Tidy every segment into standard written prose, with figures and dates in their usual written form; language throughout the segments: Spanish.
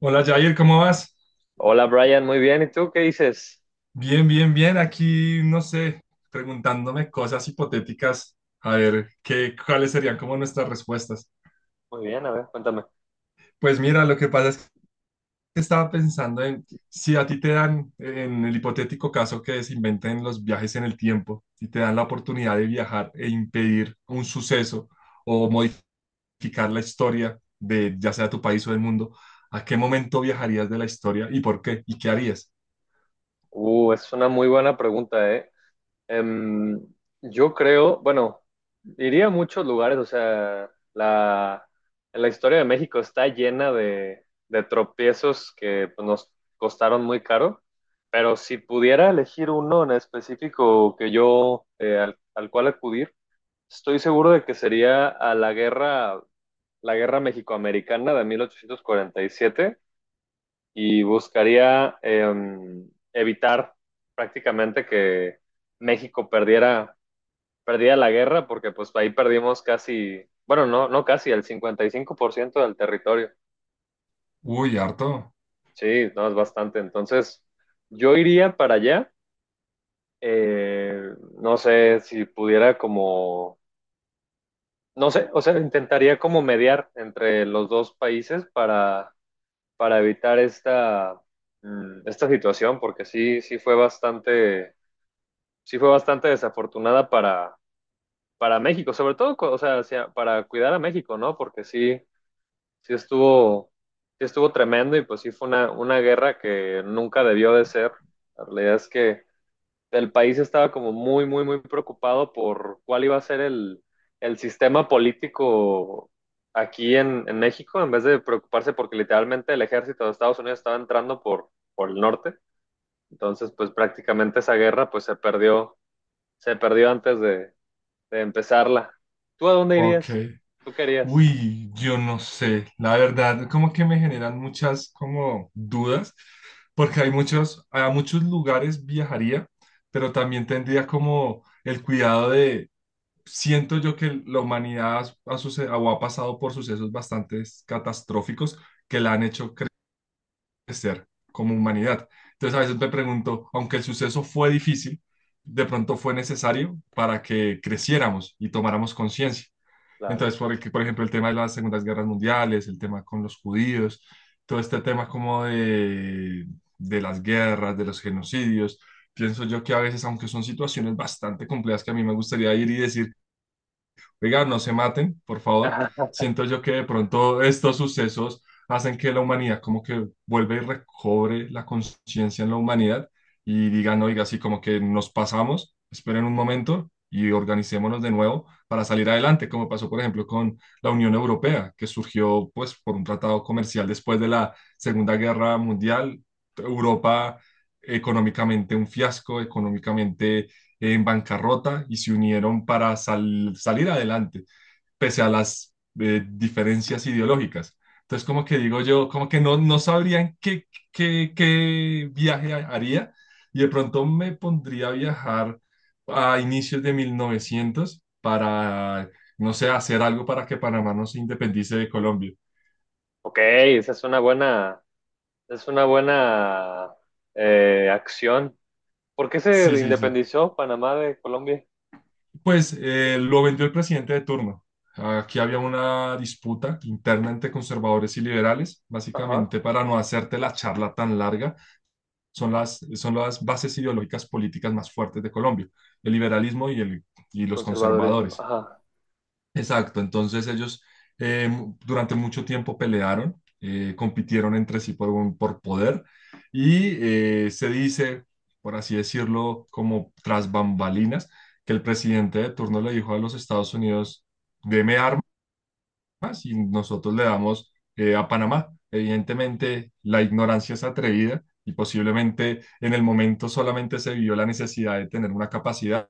Hola Jair, ¿cómo vas? Hola Brian, muy bien. ¿Y tú qué dices? Bien, bien, bien. Aquí, no sé, preguntándome cosas hipotéticas, a ver cuáles serían como nuestras respuestas. Muy bien, a ver, cuéntame. Pues mira, lo que pasa es que estaba pensando en si a ti te dan, en el hipotético caso que se inventen los viajes en el tiempo y te dan la oportunidad de viajar e impedir un suceso o modificar la historia de ya sea tu país o del mundo, ¿a qué momento viajarías de la historia y por qué? ¿Y qué harías? Es una muy buena pregunta, ¿eh? Em, yo creo, bueno, iría a muchos lugares, o sea, la historia de México está llena de tropiezos que pues, nos costaron muy caro, pero si pudiera elegir uno en específico que yo, al cual acudir, estoy seguro de que sería a la guerra mexicoamericana de 1847. Y buscaría evitar prácticamente que México perdiera, perdiera la guerra, porque pues ahí perdimos casi, bueno, no, no casi, el 55% del territorio. Uy, harto. Sí, no es bastante. Entonces, yo iría para allá. eh, no sé si pudiera como, no sé, o sea, intentaría como mediar entre los dos países para evitar esta situación, porque sí, sí fue bastante desafortunada para México, sobre todo, o sea, para cuidar a México, ¿no? Porque sí, sí estuvo tremendo y pues sí fue una guerra que nunca debió de ser. La realidad es que el país estaba como muy, muy, muy preocupado por cuál iba a ser el sistema político aquí en México, en vez de preocuparse porque literalmente el ejército de Estados Unidos estaba entrando por el norte. Entonces, pues prácticamente esa guerra pues se perdió antes de empezarla. ¿Tú a dónde Ok. irías? ¿Tú querías? Uy, yo no sé, la verdad, como que me generan muchas como dudas, porque hay a muchos lugares viajaría, pero también tendría como el cuidado de, siento yo que la humanidad ha pasado por sucesos bastante catastróficos que la han hecho crecer como humanidad. Entonces a veces me pregunto, aunque el suceso fue difícil, de pronto fue necesario para que creciéramos y tomáramos conciencia. Claro. Entonces, por ejemplo, el tema de las Segundas Guerras Mundiales, el tema con los judíos, todo este tema como de las guerras, de los genocidios, pienso yo que a veces, aunque son situaciones bastante complejas que a mí me gustaría ir y decir, oiga, no se maten, por favor. Siento yo que de pronto estos sucesos hacen que la humanidad como que vuelva y recobre la conciencia en la humanidad y digan, oiga, así como que nos pasamos, esperen un momento y organicémonos de nuevo para salir adelante, como pasó, por ejemplo, con la Unión Europea, que surgió pues por un tratado comercial después de la Segunda Guerra Mundial. Europa económicamente un fiasco, económicamente en bancarrota y se unieron para salir adelante, pese a las diferencias ideológicas. Entonces, como que digo yo, como que no sabrían qué viaje haría y de pronto me pondría a viajar a inicios de 1900 para, no sé, hacer algo para que Panamá no se independice de Colombia. Ok, esa es una buena acción. ¿Por qué Sí, se sí, sí. independizó Panamá de Colombia? Pues lo vendió el presidente de turno. Aquí había una disputa interna entre conservadores y liberales, Ajá, básicamente para no hacerte la charla tan larga, son las bases ideológicas políticas más fuertes de Colombia, el liberalismo y los conservadurismo. conservadores. Ajá, Exacto, entonces ellos eh, durante mucho tiempo pelearon, compitieron entre sí por poder y se dice, por así decirlo, como tras bambalinas, que el presidente de turno le dijo a los Estados Unidos, deme más y nosotros le damos a Panamá. Evidentemente, la ignorancia es atrevida y posiblemente en el momento solamente se vio la necesidad de tener una capacidad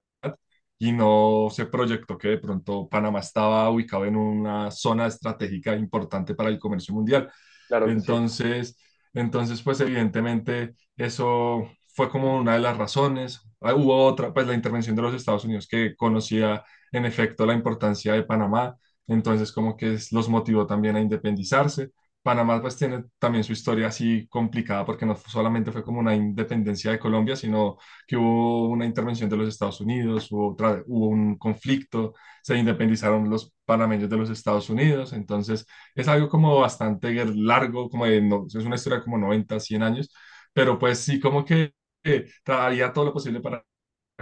y no se proyectó que de pronto Panamá estaba ubicado en una zona estratégica importante para el comercio mundial. claro que sí. Entonces, entonces pues evidentemente eso fue como una de las razones. Ah, hubo otra, pues la intervención de los Estados Unidos que conocía en efecto la importancia de Panamá entonces, como que los motivó también a independizarse. Panamá pues tiene también su historia así complicada porque no solamente fue como una independencia de Colombia, sino que hubo una intervención de los Estados Unidos, hubo otra, hubo un conflicto, se independizaron los panameños de los Estados Unidos, entonces es algo como bastante largo, como de no- es una historia como 90 100 años, pero pues sí como que haría todo lo posible para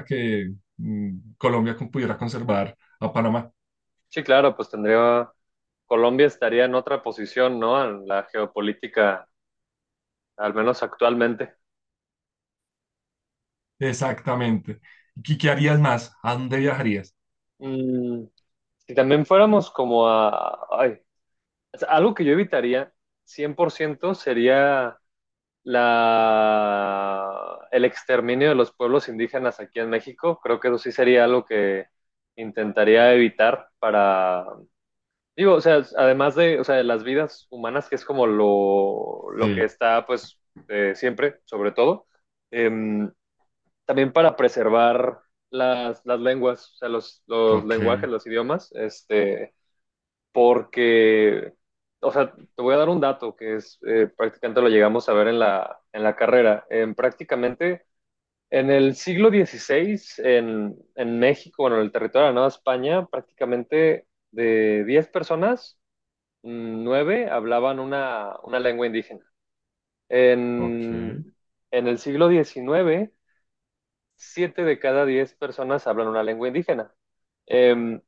que Colombia pudiera conservar a Panamá. Sí, claro, Colombia estaría en otra posición, ¿no? En la geopolítica, al menos actualmente. Exactamente. ¿Y qué harías más? ¿A dónde viajarías? Mm, si también fuéramos como o sea, algo que yo evitaría 100% sería el exterminio de los pueblos indígenas aquí en México. Creo que eso sí sería algo que intentaría evitar para, digo, o sea, además de, o sea, de las vidas humanas, que es como lo que Sí, está, pues, siempre, sobre todo, eh, también para preservar las lenguas, o sea, los ok, lenguajes, los idiomas, este, porque, o sea, te voy a dar un dato que es prácticamente lo llegamos a ver en la carrera. En prácticamente en el siglo XVI, en México, bueno, en el territorio de la Nueva España, prácticamente de 10 personas, 9 hablaban una lengua indígena. ok, En, en el siglo XIX, 7 de cada 10 personas hablan una lengua indígena. Em,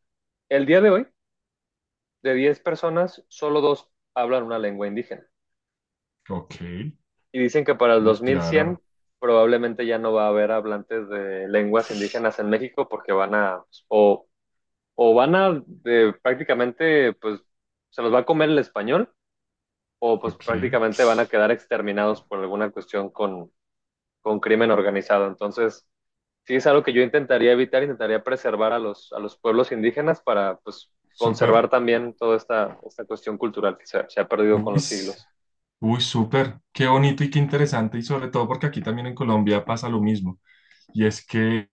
el día de hoy, de 10 personas, solo dos hablan una lengua indígena. ok. Y dicen que para el Uy, claro, 2100 probablemente ya no va a haber hablantes de lenguas indígenas en México porque van a, pues, o van a de, prácticamente, pues se los va a comer el español o pues ok. prácticamente van a quedar exterminados por alguna cuestión con crimen organizado. Entonces, sí es algo que yo intentaría evitar, intentaría preservar a a los pueblos indígenas para pues Súper. conservar también toda esta cuestión cultural que se ha perdido con Uy, los siglos. uy, súper. Qué bonito y qué interesante. Y sobre todo porque aquí también en Colombia pasa lo mismo. Y es que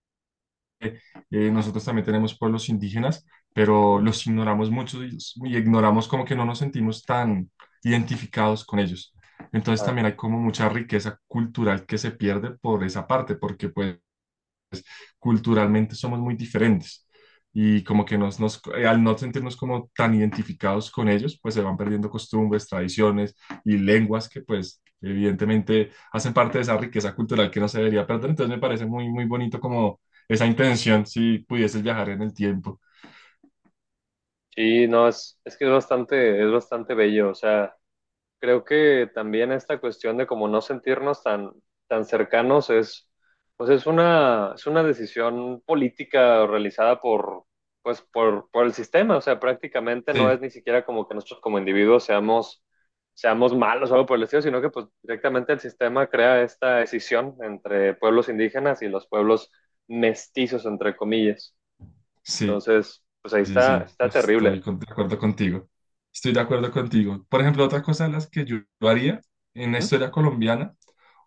eh, nosotros también tenemos pueblos indígenas, pero ¿Mm? los ignoramos mucho y ignoramos como que no nos sentimos tan identificados con ellos. Entonces Ah, también hay como mucha riqueza cultural que se pierde por esa parte, porque pues, culturalmente somos muy diferentes y como que nos, nos, al no sentirnos como tan identificados con ellos, pues se van perdiendo costumbres, tradiciones y lenguas que pues evidentemente hacen parte de esa riqueza cultural que no se debería perder. Entonces me parece muy, muy bonito como esa intención, si pudieses viajar en el tiempo. sí, no, es que es bastante bello. O sea, creo que también esta cuestión de como no sentirnos tan cercanos es, pues es una decisión política realizada por el sistema. O sea, prácticamente no Sí, es ni siquiera como que nosotros como individuos seamos malos o algo por el estilo, sino que pues directamente el sistema crea esta decisión entre pueblos indígenas y los pueblos mestizos, entre comillas. sí, Entonces, pues ahí sí, está, sí, está estoy terrible. De acuerdo contigo. Estoy de acuerdo contigo. Por ejemplo, otra cosa de las que yo haría en la historia colombiana,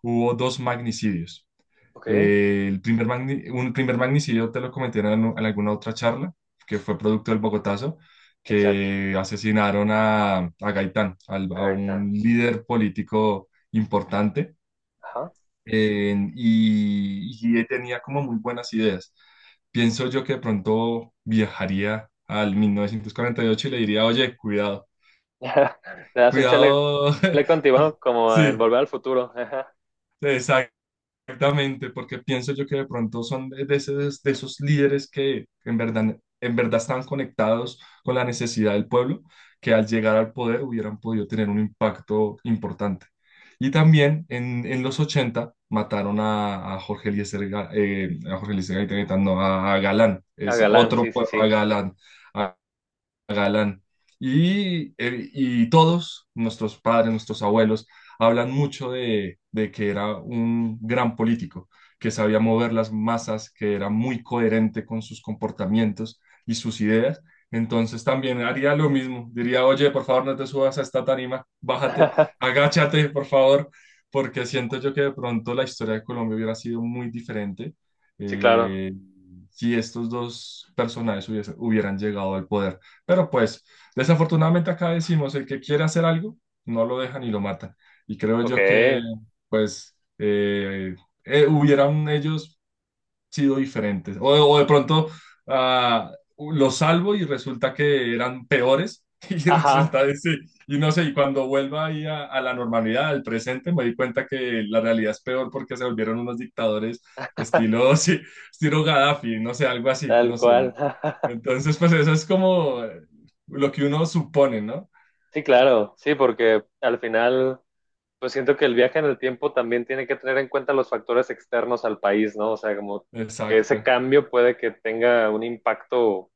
hubo dos magnicidios. Ok, Un primer magnicidio te lo comenté en alguna otra charla, que fue producto del Bogotazo, exacto. que asesinaron a Gaitán, al- A a Gaitán. un líder político importante, Ajá. y él tenía como muy buenas ideas. Pienso yo que de pronto viajaría al 1948 y ocho y le diría, oye, cuidado, Le das un chaleco cuidado. antiguo como en Sí, Volver al Futuro. Ajá. exacto. Exactamente, porque pienso yo que de pronto son de esos líderes que en verdad están conectados con la necesidad del pueblo, que al llegar al poder hubieran podido tener un impacto importante. Y también en los 80 mataron a Jorge Eliezer, a Jorge Eliezer Gaitán, no, a Galán, A Galán, sí, sí, a sí. Galán, Galán. Y todos, nuestros padres, nuestros abuelos, hablan mucho de que era un gran político, que sabía mover las masas, que era muy coherente con sus comportamientos y sus ideas. Entonces también haría lo mismo. Diría, oye, por favor, no te subas a esta tarima, bájate, agáchate, por favor, porque siento yo que de pronto la historia de Colombia hubiera sido muy diferente Sí, claro. eh, si estos dos personajes hubieran llegado al poder. Pero pues, desafortunadamente acá decimos, el que quiere hacer algo, no lo dejan y lo matan. Y creo yo que, Ok. pues, hubieran ellos sido diferentes. O de pronto ah, los salvo y resulta que eran peores y Ajá, resulta de sí. Y no sé, y cuando vuelva ahí a la normalidad, al presente, me di cuenta que la realidad es peor porque se volvieron unos dictadores estilo, sí, estilo Gaddafi, no sé, algo así, tal no sé. cual. Entonces, pues eso es como lo que uno supone, ¿no? Sí, claro. Sí, porque al final, pues siento que el viaje en el tiempo también tiene que tener en cuenta los factores externos al país, ¿no? O sea, como que ese Exacto. cambio puede que tenga un impacto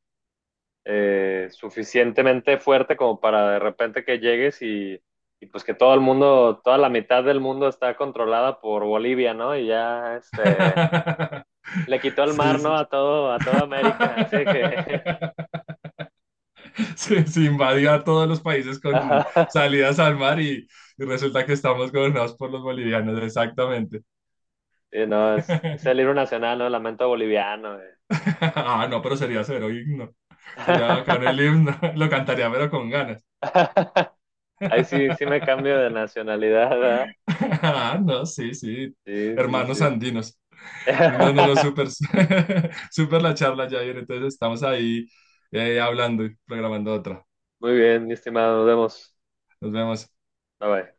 suficientemente fuerte como para de repente que llegues y, pues que toda la mitad del mundo está controlada por Bolivia, ¿no? Y ya este, le quitó el Sí, mar, sí. ¿no? A toda América, así que... se invadió a todos los países con Ajá. salidas al mar y resulta que estamos gobernados por los bolivianos, exactamente. Sí, no, es, el libro nacional, ¿no? Lamento boliviano. Ah, no, pero sería cero himno. Sería bacano el himno. Lo cantaría, pero con ganas. Ahí sí, sí me cambio de nacionalidad, ¿verdad? Ah, no, sí, sí. Sí, sí, Hermanos sí. andinos. No, no, no, súper, súper la charla, Jair. Entonces estamos ahí hablando y programando otra. Muy bien, mi estimado, nos vemos. Nos vemos. Bye bye.